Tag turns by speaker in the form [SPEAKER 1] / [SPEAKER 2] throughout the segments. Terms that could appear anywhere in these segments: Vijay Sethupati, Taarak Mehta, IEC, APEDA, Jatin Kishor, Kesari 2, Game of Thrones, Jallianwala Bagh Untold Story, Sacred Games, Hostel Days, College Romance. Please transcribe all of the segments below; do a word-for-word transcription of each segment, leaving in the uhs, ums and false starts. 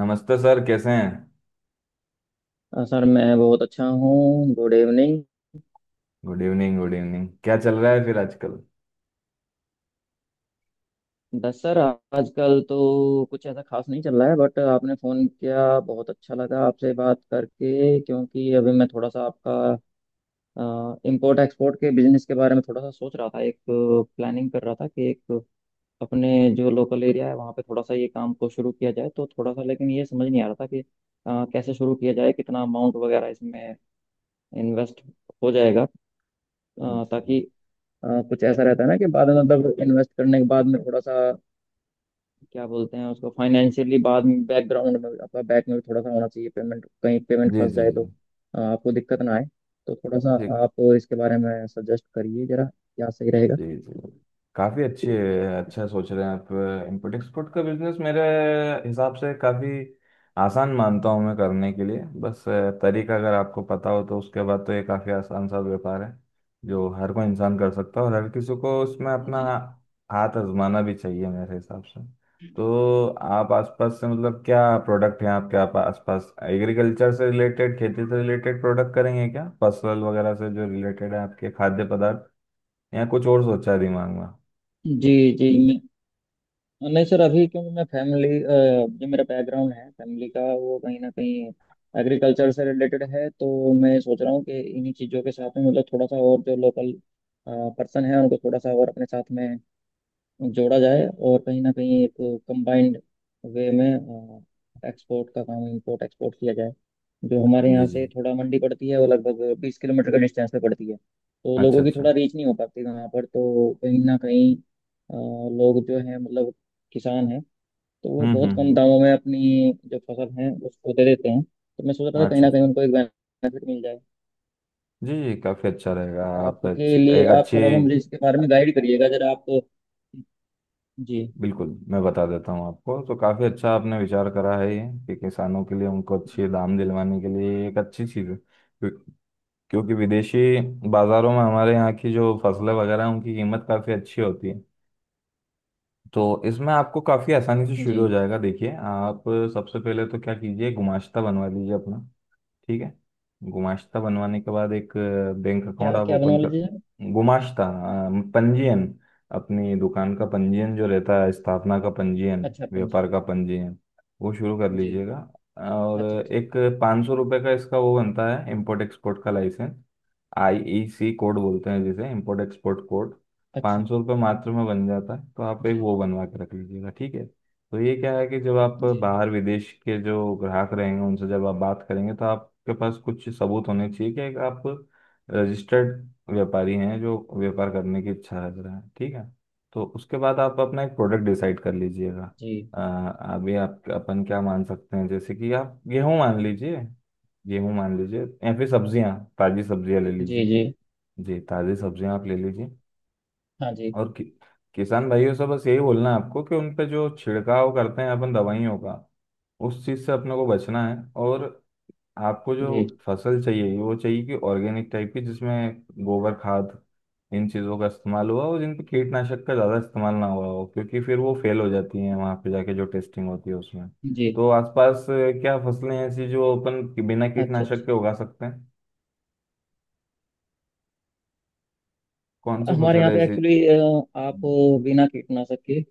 [SPEAKER 1] नमस्ते सर, कैसे हैं।
[SPEAKER 2] अ, सर, मैं बहुत अच्छा हूँ। Good evening.
[SPEAKER 1] Good evening, good evening. क्या चल रहा है फिर आजकल।
[SPEAKER 2] बस सर, आजकल तो कुछ ऐसा खास नहीं चल रहा है, बट आपने फ़ोन किया बहुत अच्छा लगा आपसे बात करके। क्योंकि अभी मैं थोड़ा सा आपका इंपोर्ट एक्सपोर्ट के बिजनेस के बारे में थोड़ा सा सोच रहा था, एक प्लानिंग कर रहा था कि एक अपने जो लोकल एरिया है वहाँ पे थोड़ा सा ये काम को शुरू किया जाए, तो थोड़ा सा लेकिन ये समझ नहीं आ रहा था कि अ, कैसे शुरू किया जाए, कितना अमाउंट वगैरह इसमें इन्वेस्ट हो जाएगा, अ,
[SPEAKER 1] जी,
[SPEAKER 2] ताकि अ, कुछ ऐसा रहता है ना कि बाद में, मतलब इन्वेस्ट करने के बाद में थोड़ा सा क्या बोलते हैं उसको, फाइनेंशियली बाद में बैकग्राउंड में आपका बैक में भी थोड़ा सा होना चाहिए। पेमेंट कहीं पेमेंट
[SPEAKER 1] जी,
[SPEAKER 2] फंस
[SPEAKER 1] जी,
[SPEAKER 2] जाए तो अ, आपको दिक्कत ना आए। तो थोड़ा सा
[SPEAKER 1] जी,
[SPEAKER 2] आप इसके बारे में सजेस्ट करिए जरा, क्या सही रहेगा।
[SPEAKER 1] जी, जी। काफी अच्छी। अच्छा सोच रहे हैं आप। इम्पोर्ट एक्सपोर्ट का बिजनेस मेरे हिसाब से काफी आसान मानता हूँ मैं करने के लिए। बस अ, तरीका अगर आपको पता हो, तो उसके बाद तो ये काफी आसान सा व्यापार है। जो हर कोई इंसान कर सकता है और हर किसी को उसमें अपना
[SPEAKER 2] जी
[SPEAKER 1] हाथ आजमाना भी चाहिए मेरे हिसाब से। तो आप आसपास से, मतलब क्या प्रोडक्ट हैं आपके? आप आसपास एग्रीकल्चर से रिलेटेड, खेती से रिलेटेड प्रोडक्ट करेंगे क्या? फसल वगैरह से जो रिलेटेड है आपके, खाद्य पदार्थ या कुछ और सोचा है दिमाग में?
[SPEAKER 2] जी। जी। मैं- नहीं सर, अभी क्योंकि मैं फैमिली जो मेरा बैकग्राउंड है फैमिली का वो कहीं ना कहीं एग्रीकल्चर से रिलेटेड है, तो मैं सोच रहा हूँ कि इन्हीं चीज़ों के साथ में मतलब थोड़ा सा और जो लोकल पर्सन है उनको थोड़ा सा और अपने साथ में जोड़ा जाए, और कहीं ना कहीं एक कंबाइंड वे में एक्सपोर्ट का काम, इंपोर्ट एक्सपोर्ट किया जाए। जो हमारे
[SPEAKER 1] जी,
[SPEAKER 2] यहाँ
[SPEAKER 1] जी।
[SPEAKER 2] से थोड़ा मंडी पड़ती है वो लगभग बीस किलोमीटर के डिस्टेंस पे पड़ती है, तो
[SPEAKER 1] अच्छा,
[SPEAKER 2] लोगों की थोड़ा
[SPEAKER 1] अच्छा।
[SPEAKER 2] रीच नहीं हो पाती वहाँ पर। तो कहीं ना कहीं अ, लोग जो है, मतलब किसान हैं, तो वो
[SPEAKER 1] हम्म,
[SPEAKER 2] बहुत कम
[SPEAKER 1] हम्म,
[SPEAKER 2] दामों में अपनी जो फसल है उसको दे देते हैं। तो मैं सोच रहा
[SPEAKER 1] हम्म।
[SPEAKER 2] था कहीं
[SPEAKER 1] अच्छा,
[SPEAKER 2] ना कहीं
[SPEAKER 1] अच्छा।
[SPEAKER 2] उनको एक बेनिफिट मिल जाए।
[SPEAKER 1] जी, जी। काफ़ी अच्छा रहेगा
[SPEAKER 2] तो
[SPEAKER 1] आप।
[SPEAKER 2] आपके
[SPEAKER 1] अच्छी,
[SPEAKER 2] लिए,
[SPEAKER 1] एक
[SPEAKER 2] आप
[SPEAKER 1] अच्छी।
[SPEAKER 2] थोड़ा सा मुझे इसके बारे में गाइड करिएगा जरा आप। जी।
[SPEAKER 1] बिल्कुल, मैं बता देता हूँ आपको। तो काफ़ी अच्छा आपने विचार करा है ये, कि किसानों के लिए, उनको
[SPEAKER 2] जी
[SPEAKER 1] अच्छे दाम दिलवाने के लिए ये एक अच्छी चीज़ है। क्यों- क्योंकि विदेशी बाज़ारों में हमारे यहाँ की जो फसलें वगैरह हैं, उनकी कीमत काफ़ी अच्छी होती है। तो इसमें आपको काफ़ी आसानी से शुरू हो
[SPEAKER 2] जी।
[SPEAKER 1] जाएगा। देखिए आप सबसे पहले तो क्या कीजिए, गुमाश्ता बनवा लीजिए अपना। ठीक है? गुमाश्ता बनवाने के बाद एक बैंक
[SPEAKER 2] क्या
[SPEAKER 1] अकाउंट आप
[SPEAKER 2] क्या
[SPEAKER 1] ओपन कर।
[SPEAKER 2] बनोलॉजी है।
[SPEAKER 1] गुमाश्ता अ, पंजीयन, अपनी दुकान का पंजीयन जो रहता है, स्थापना का पंजीयन,
[SPEAKER 2] अच्छा, पंजी।
[SPEAKER 1] व्यापार का पंजीयन, वो शुरू कर
[SPEAKER 2] जी।
[SPEAKER 1] लीजिएगा। और
[SPEAKER 2] अच्छा अच्छा।
[SPEAKER 1] एक पाँच सौ रुपये का इसका वो बनता है, इम्पोर्ट एक्सपोर्ट का लाइसेंस। आई ई सी कोड बोलते हैं जिसे, इम्पोर्ट एक्सपोर्ट कोड।
[SPEAKER 2] अच्छा।
[SPEAKER 1] पाँच सौ रुपये मात्र में बन जाता है, तो आप
[SPEAKER 2] जी
[SPEAKER 1] एक वो बनवा के रख लीजिएगा। ठीक है? तो ये क्या है, कि जब आप
[SPEAKER 2] जी।
[SPEAKER 1] बाहर विदेश के जो ग्राहक रहेंगे उनसे जब आप बात करेंगे, तो आपके पास कुछ सबूत होने चाहिए कि आप रजिस्टर्ड व्यापारी हैं, जो व्यापार करने की इच्छा रख रहे हैं। ठीक है? तो उसके बाद आप अपना एक प्रोडक्ट डिसाइड कर लीजिएगा।
[SPEAKER 2] जी
[SPEAKER 1] अ, अभी आप अपन क्या मान सकते हैं, जैसे कि आप गेहूं मान लीजिए। गेहूं मान लीजिए या फिर सब्जियां, ताजी सब्जियां ले
[SPEAKER 2] जी।
[SPEAKER 1] लीजिए।
[SPEAKER 2] जी।
[SPEAKER 1] जी, ताजी सब्जियां आप ले लीजिए।
[SPEAKER 2] हाँ जी।
[SPEAKER 1] और कि, किसान भाइयों से बस यही बोलना है आपको, कि उन पे जो छिड़काव करते हैं अपन दवाइयों का, उस चीज़ से अपने को बचना है। और आपको जो
[SPEAKER 2] जी
[SPEAKER 1] फसल चाहिए वो चाहिए कि ऑर्गेनिक टाइप की, जिसमें गोबर खाद इन चीज़ों का इस्तेमाल हुआ, और जिन पे कीटनाशक का ज़्यादा इस्तेमाल ना हुआ हो, क्योंकि फिर वो फेल हो जाती हैं वहाँ पे जाके जो टेस्टिंग होती है उसमें।
[SPEAKER 2] जी।
[SPEAKER 1] तो आसपास अ, क्या फसलें ऐसी जो अपन कि- बिना
[SPEAKER 2] अच्छा
[SPEAKER 1] कीटनाशक
[SPEAKER 2] अच्छा।
[SPEAKER 1] के उगा सकते हैं? कौन सी
[SPEAKER 2] हमारे
[SPEAKER 1] फसल
[SPEAKER 2] यहाँ
[SPEAKER 1] है
[SPEAKER 2] पे
[SPEAKER 1] ऐसी?
[SPEAKER 2] एक्चुअली, आप बिना कीटनाशक के,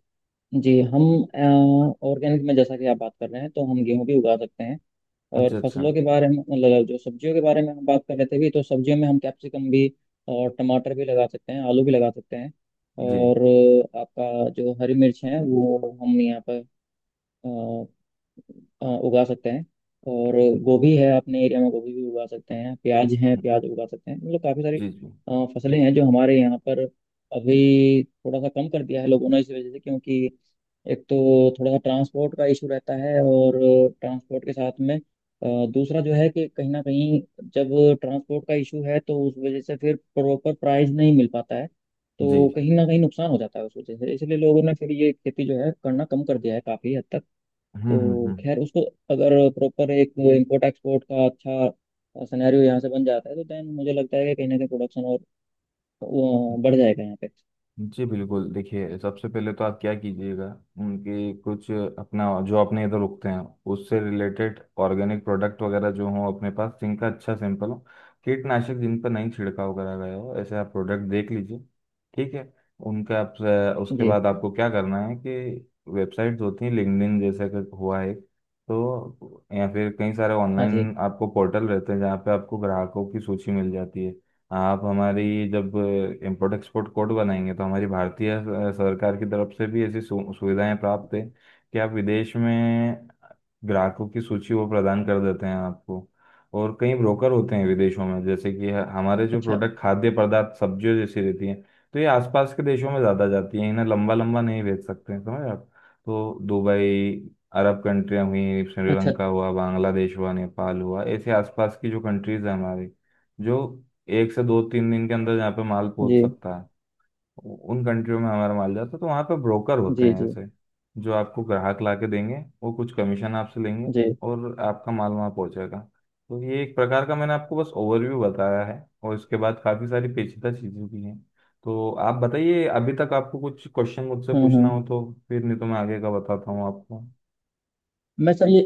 [SPEAKER 2] जी हम ऑर्गेनिक में जैसा कि आप बात कर रहे हैं, तो हम गेहूं भी उगा सकते हैं। और
[SPEAKER 1] अच्छा, अच्छा।
[SPEAKER 2] फसलों के बारे में, मतलब जो सब्जियों के बारे में हम बात कर रहे थे भी, तो सब्जियों में हम कैप्सिकम भी और टमाटर भी लगा सकते हैं, आलू भी लगा सकते हैं।
[SPEAKER 1] जी,
[SPEAKER 2] और अ, आपका जो हरी मिर्च है वो हम यहाँ पर अ, अ, उगा सकते हैं। और गोभी है, अपने एरिया में गोभी भी उगा सकते हैं, प्याज है,
[SPEAKER 1] जी,
[SPEAKER 2] प्याज उगा सकते हैं, मतलब काफ़ी सारी
[SPEAKER 1] जी, जी,
[SPEAKER 2] अ, फसलें हैं जो हमारे यहाँ पर अभी थोड़ा सा कम कर दिया है लोगों ने। इस वजह से क्योंकि एक तो थोड़ा सा ट्रांसपोर्ट का इशू रहता है, और ट्रांसपोर्ट के साथ में अ, दूसरा जो है कि कहीं ना कहीं जब ट्रांसपोर्ट का इशू है, तो उस वजह से फिर प्रॉपर प्राइस नहीं मिल पाता है,
[SPEAKER 1] जी।
[SPEAKER 2] तो कहीं ना कहीं नुकसान हो जाता है उस वजह से। इसलिए लोगों ने फिर ये खेती जो है करना कम कर दिया है काफ़ी हद तक।
[SPEAKER 1] हम्म, हम्म,
[SPEAKER 2] तो
[SPEAKER 1] हम्म।
[SPEAKER 2] खैर, उसको अगर प्रॉपर एक इंपोर्ट एक्सपोर्ट का अच्छा सिनेरियो यहाँ से बन जाता है, तो देन मुझे लगता है कि कहीं ना कहीं प्रोडक्शन और वो बढ़ जाएगा यहाँ पे।
[SPEAKER 1] जी बिल्कुल, देखिए सबसे पहले तो आप क्या कीजिएगा, उनके कुछ अपना जो अपने इधर उगते हैं उससे रिलेटेड, ऑर्गेनिक प्रोडक्ट वगैरह जो हो अपने पास, जिनका अच्छा सैंपल हो, कीटनाशक जिन पर नहीं छिड़काव करा गया हो, ऐसे आप प्रोडक्ट देख लीजिए। ठीक है? उनका आप, उसके
[SPEAKER 2] जी।
[SPEAKER 1] बाद आपको क्या करना है कि वेबसाइट्स होती हैं, लिंक्डइन जैसे कि हुआ है। तो या फिर कई सारे
[SPEAKER 2] हाँ जी।
[SPEAKER 1] ऑनलाइन आपको पोर्टल रहते हैं, जहाँ पे आपको ग्राहकों की सूची मिल जाती है। आप हमारी, जब इम्पोर्ट एक्सपोर्ट कोड बनाएंगे, तो हमारी भारतीय अ, सरकार की तरफ से भी ऐसी सु, सुविधाएं प्राप्त है, कि आप विदेश में ग्राहकों की सूची वो प्रदान कर देते हैं आपको। और कई ब्रोकर होते हैं विदेशों में, जैसे कि ह- हमारे जो
[SPEAKER 2] अच्छा
[SPEAKER 1] प्रोडक्ट, खाद्य पदार्थ, सब्जियों जैसी रहती हैं, तो ये आसपास के देशों में ज़्यादा जाती हैं। इन्हें लंबा लंबा नहीं भेज सकते हैं, समझ आप। तो दुबई, अरब कंट्रियाँ हुई,
[SPEAKER 2] अच्छा।
[SPEAKER 1] श्रीलंका हुआ, बांग्लादेश हुआ, नेपाल हुआ, ऐसे आसपास की जो कंट्रीज़ हैं हमारी, जो एक से दो तीन दिन के अंदर जहाँ पे माल
[SPEAKER 2] जी
[SPEAKER 1] पहुंच सकता है, उ- उन कंट्रियों में हमारा माल जाता है। तो वहाँ पे ब्रोकर होते
[SPEAKER 2] जी।
[SPEAKER 1] हैं
[SPEAKER 2] जी
[SPEAKER 1] ऐसे, जो आपको ग्राहक ला के देंगे। वो कुछ कमीशन आपसे लेंगे,
[SPEAKER 2] जी।
[SPEAKER 1] और आपका माल वहाँ पहुँचेगा। तो ये एक प्रकार का, मैंने आपको बस ओवरव्यू बताया है, और इसके बाद काफ़ी सारी पेचीदा चीज़ें भी हैं। तो आप बताइए, अभी तक आपको कुछ क्वेश्चन मुझसे
[SPEAKER 2] हम्म
[SPEAKER 1] पूछना
[SPEAKER 2] हम्म।
[SPEAKER 1] हो तो? फिर नहीं तो मैं आगे का बताता हूँ आपको।
[SPEAKER 2] मैं सर ये,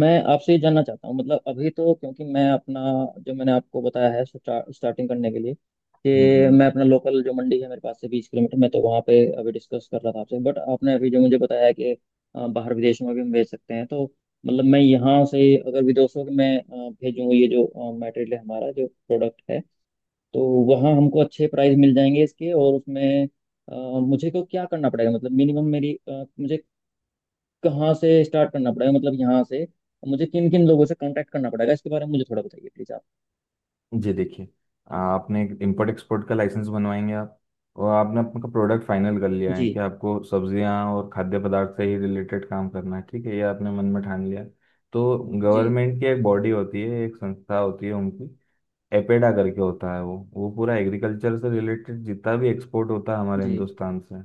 [SPEAKER 2] मैं आपसे ये जानना चाहता हूँ, मतलब अभी तो क्योंकि मैं अपना, जो मैंने आपको बताया है, स्टार्ट, स्टार्टिंग करने के लिए,
[SPEAKER 1] हम्म,
[SPEAKER 2] कि
[SPEAKER 1] हम्म।
[SPEAKER 2] मैं अपना लोकल जो मंडी है मेरे पास से बीस किलोमीटर, मैं तो वहाँ पे अभी डिस्कस कर रहा था आपसे, बट आपने अभी जो मुझे बताया है कि अ, बाहर विदेश में भी हम भेज सकते हैं, तो मतलब मैं यहाँ से अगर विदेशों में अ, भेजूँ ये जो मटेरियल है, हमारा जो प्रोडक्ट है, तो वहाँ हमको अच्छे प्राइस मिल जाएंगे इसके, और उसमें अ, मुझे को क्या करना पड़ेगा, मतलब मिनिमम मेरी अ, मुझे कहाँ से स्टार्ट करना पड़ेगा, मतलब यहाँ से मुझे किन किन लोगों से कांटेक्ट करना पड़ेगा, इसके बारे में मुझे थोड़ा बताइए प्लीज आप।
[SPEAKER 1] जी देखिए, आपने एक इम्पोर्ट एक्सपोर्ट का लाइसेंस बनवाएंगे आप, और आपने अपना प्रोडक्ट फाइनल कर लिया है कि
[SPEAKER 2] जी
[SPEAKER 1] आपको सब्जियां और खाद्य पदार्थ से ही रिलेटेड काम करना है। ठीक है, ये आपने मन में ठान लिया। तो
[SPEAKER 2] जी।
[SPEAKER 1] गवर्नमेंट की एक बॉडी होती है, एक संस्था होती है उनकी, एपेडा करके होता है वो वो पूरा एग्रीकल्चर से रिलेटेड जितना भी एक्सपोर्ट होता है हमारे
[SPEAKER 2] जी
[SPEAKER 1] हिंदुस्तान से,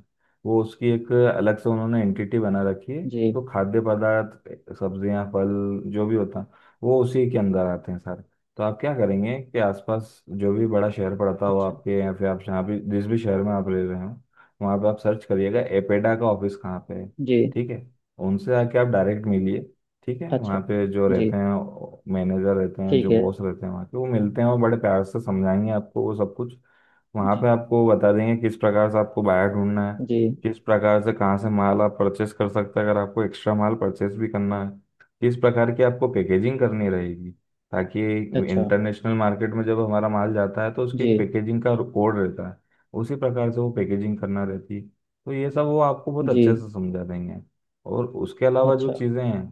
[SPEAKER 1] वो उसकी एक अलग से उन्होंने एंटिटी बना रखी है।
[SPEAKER 2] जी।
[SPEAKER 1] तो खाद्य पदार्थ, सब्जियां, फल, जो भी होता है वो उसी के अंदर आते हैं सारे। तो आप क्या करेंगे कि आसपास जो भी बड़ा शहर पड़ता हो
[SPEAKER 2] अच्छा।
[SPEAKER 1] आपके, या फिर आप जहाँ भी, जिस भी शहर में आप रह रहे हो, वहाँ पे आप सर्च करिएगा एपेडा का ऑफिस कहाँ पे है।
[SPEAKER 2] जी।
[SPEAKER 1] ठीक है? उनसे आके आप डायरेक्ट मिलिए। ठीक है? वहाँ
[SPEAKER 2] अच्छा।
[SPEAKER 1] पे जो
[SPEAKER 2] जी,
[SPEAKER 1] रहते हैं, मैनेजर रहते हैं,
[SPEAKER 2] ठीक
[SPEAKER 1] जो
[SPEAKER 2] है।
[SPEAKER 1] बॉस रहते हैं वहाँ के, वो मिलते हैं और बड़े प्यार से समझाएंगे आपको वो सब कुछ। वहाँ पे
[SPEAKER 2] जी
[SPEAKER 1] आपको बता देंगे किस प्रकार से आपको बायर ढूंढना है,
[SPEAKER 2] जी।
[SPEAKER 1] किस प्रकार से कहाँ से माल आप परचेस कर सकते हैं, अगर आपको एक्स्ट्रा माल परचेस भी करना है, किस प्रकार की आपको पैकेजिंग करनी रहेगी, ताकि
[SPEAKER 2] अच्छा।
[SPEAKER 1] इंटरनेशनल मार्केट में जब हमारा माल जाता है तो उसकी
[SPEAKER 2] जी
[SPEAKER 1] एक पैकेजिंग का कोड रहता है, उसी प्रकार से वो पैकेजिंग करना रहती है। तो ये सब वो आपको बहुत
[SPEAKER 2] जी।
[SPEAKER 1] अच्छे से समझा देंगे। और उसके अलावा जो
[SPEAKER 2] अच्छा।
[SPEAKER 1] चीज़ें हैं,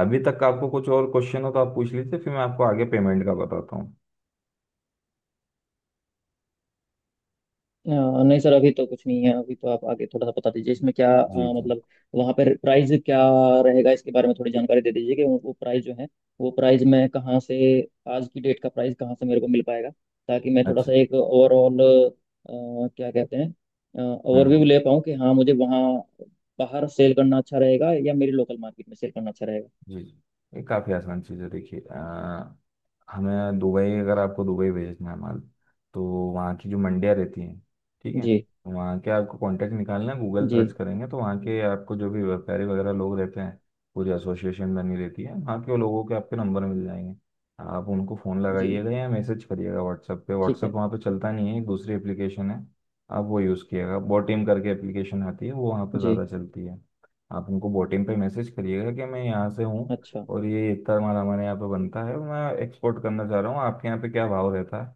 [SPEAKER 1] अभी तक आपको कुछ और क्वेश्चन हो तो आप पूछ लीजिए, फिर मैं आपको आगे पेमेंट का बताता हूँ।
[SPEAKER 2] अ, नहीं सर, अभी तो कुछ नहीं है। अभी तो आप आगे थोड़ा सा बता दीजिए इसमें, क्या अ,
[SPEAKER 1] जी, जी।
[SPEAKER 2] मतलब वहाँ पर प्राइस क्या रहेगा, इसके बारे में थोड़ी जानकारी दे दीजिए कि वो, वो प्राइस जो है, वो प्राइस मैं कहाँ से, आज की डेट का प्राइस कहाँ से मेरे को मिल पाएगा, ताकि मैं थोड़ा
[SPEAKER 1] अच्छा।
[SPEAKER 2] सा एक ओवरऑल, क्या कहते हैं,
[SPEAKER 1] हम्म,
[SPEAKER 2] ओवरव्यू
[SPEAKER 1] हम्म।
[SPEAKER 2] ले पाऊँ कि हाँ मुझे वहाँ बाहर सेल करना अच्छा रहेगा या मेरी लोकल मार्केट में सेल करना अच्छा रहेगा।
[SPEAKER 1] जी, जी। ये काफ़ी आसान चीज़ है देखिए। अ, हमें दुबई, अगर आपको दुबई भेजना है माल, तो वहाँ की जो मंडियाँ रहती हैं, ठीक है,
[SPEAKER 2] जी
[SPEAKER 1] वहाँ के आपको कांटेक्ट निकालना है। गूगल
[SPEAKER 2] जी।
[SPEAKER 1] सर्च करेंगे तो वहाँ के आपको जो भी व्यापारी वगैरह लोग रहते हैं, पूरी एसोसिएशन बनी रहती है, वहाँ के लोगों के आपके नंबर मिल जाएंगे। आप उनको फ़ोन
[SPEAKER 2] जी,
[SPEAKER 1] लगाइएगा या मैसेज करिएगा व्हाट्सएप पे।
[SPEAKER 2] ठीक
[SPEAKER 1] व्हाट्सएप
[SPEAKER 2] है।
[SPEAKER 1] वहाँ पे चलता नहीं है, एक दूसरी एप्लीकेशन है। आप वो यूज़ किएगा, बोटिम करके एप्लीकेशन आती है, वो वहाँ पे
[SPEAKER 2] जी।
[SPEAKER 1] ज़्यादा चलती है। आप उनको बोटिम पे मैसेज करिएगा कि मैं यहाँ से हूँ,
[SPEAKER 2] अच्छा।
[SPEAKER 1] और ये इतना माल हमारे यहाँ पे बनता है, मैं एक्सपोर्ट करना चाह रहा हूँ, आपके यहाँ पे क्या भाव रहता है।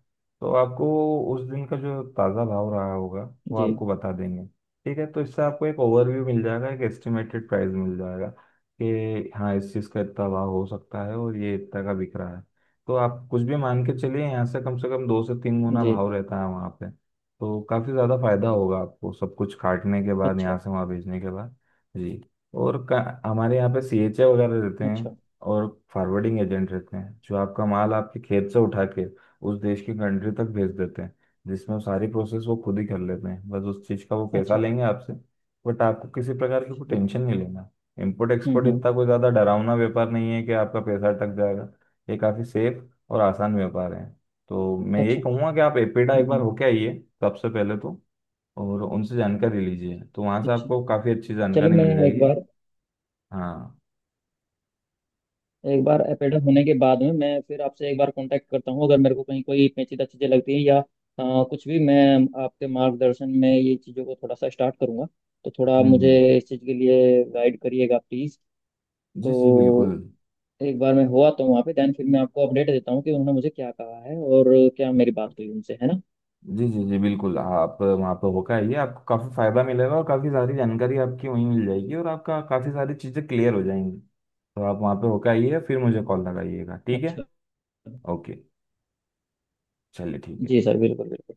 [SPEAKER 1] तो आपको उस दिन का जो ताज़ा भाव रहा होगा, वो
[SPEAKER 2] जी
[SPEAKER 1] आपको बता देंगे। ठीक है? तो इससे आपको एक ओवरव्यू मिल जाएगा, एक एस्टिमेटेड प्राइस मिल जाएगा, कि हाँ, इस चीज़ का इतना भाव हो सकता है, और ये इतना का बिक रहा है। तो आप कुछ भी मान के चलिए, यहाँ से कम से कम दो से तीन गुना
[SPEAKER 2] जी।
[SPEAKER 1] भाव रहता है वहाँ पे। तो काफ़ी ज़्यादा फायदा होगा आपको सब कुछ काटने के बाद,
[SPEAKER 2] अच्छा
[SPEAKER 1] यहाँ से वहाँ भेजने के बाद। जी, और का, हमारे यहाँ पे सी एच ए वगैरह रहते
[SPEAKER 2] अच्छा।
[SPEAKER 1] हैं, और फॉरवर्डिंग एजेंट रहते हैं, जो आपका माल आपके खेत से उठा के उस देश की कंट्री तक भेज देते हैं, जिसमें सारी प्रोसेस वो खुद ही कर लेते हैं, बस उस चीज़ का वो पैसा
[SPEAKER 2] अच्छा अच्छा।
[SPEAKER 1] लेंगे आपसे। बट आपको किसी प्रकार की कोई
[SPEAKER 2] हम्म
[SPEAKER 1] टेंशन नहीं लेना। इम्पोर्ट एक्सपोर्ट
[SPEAKER 2] हम्म।
[SPEAKER 1] इतना कोई ज़्यादा डरावना व्यापार नहीं है कि आपका पैसा अटक जाएगा। ये काफ़ी सेफ और आसान व्यापार है। तो मैं यही
[SPEAKER 2] अच्छा।
[SPEAKER 1] कहूँगा कि आप एपेडा एक बार
[SPEAKER 2] हम्म।
[SPEAKER 1] होके आइए सबसे पहले तो, और उनसे जानकारी लीजिए, तो वहाँ से
[SPEAKER 2] अच्छा,
[SPEAKER 1] आपको काफ़ी अच्छी
[SPEAKER 2] चलो,
[SPEAKER 1] जानकारी
[SPEAKER 2] मैं
[SPEAKER 1] मिल
[SPEAKER 2] एक
[SPEAKER 1] जाएगी।
[SPEAKER 2] बार,
[SPEAKER 1] हाँ,
[SPEAKER 2] एक बार एपेडा होने के बाद में मैं फिर आपसे एक बार कांटेक्ट करता हूँ, अगर मेरे को कहीं कोई पेचीदा चीज़ें लगती हैं या अ, कुछ भी। मैं आपके मार्गदर्शन में ये चीज़ों को थोड़ा सा स्टार्ट करूँगा, तो थोड़ा आप मुझे
[SPEAKER 1] हम्म।
[SPEAKER 2] इस चीज़ के लिए गाइड करिएगा प्लीज़।
[SPEAKER 1] जी, जी बिल्कुल।
[SPEAKER 2] तो एक बार मैं हुआ तो वहाँ पे, देन फिर मैं आपको अपडेट देता हूँ कि उन्होंने मुझे क्या कहा है और क्या मेरी बात हुई उनसे, है ना।
[SPEAKER 1] जी, जी, जी बिल्कुल। आप वहाँ पर होकर आइए, आपको काफ़ी फायदा मिलेगा, और काफ़ी सारी जानकारी आपकी वहीं मिल जाएगी, और आपका काफ़ी सारी चीज़ें क्लियर हो जाएंगी। तो आप वहाँ पे होकर आइए, फिर मुझे कॉल लगाइएगा। ठीक है?
[SPEAKER 2] अच्छा।
[SPEAKER 1] ओके, चलिए, ठीक
[SPEAKER 2] जी
[SPEAKER 1] है।
[SPEAKER 2] सर, बिल्कुल बिल्कुल।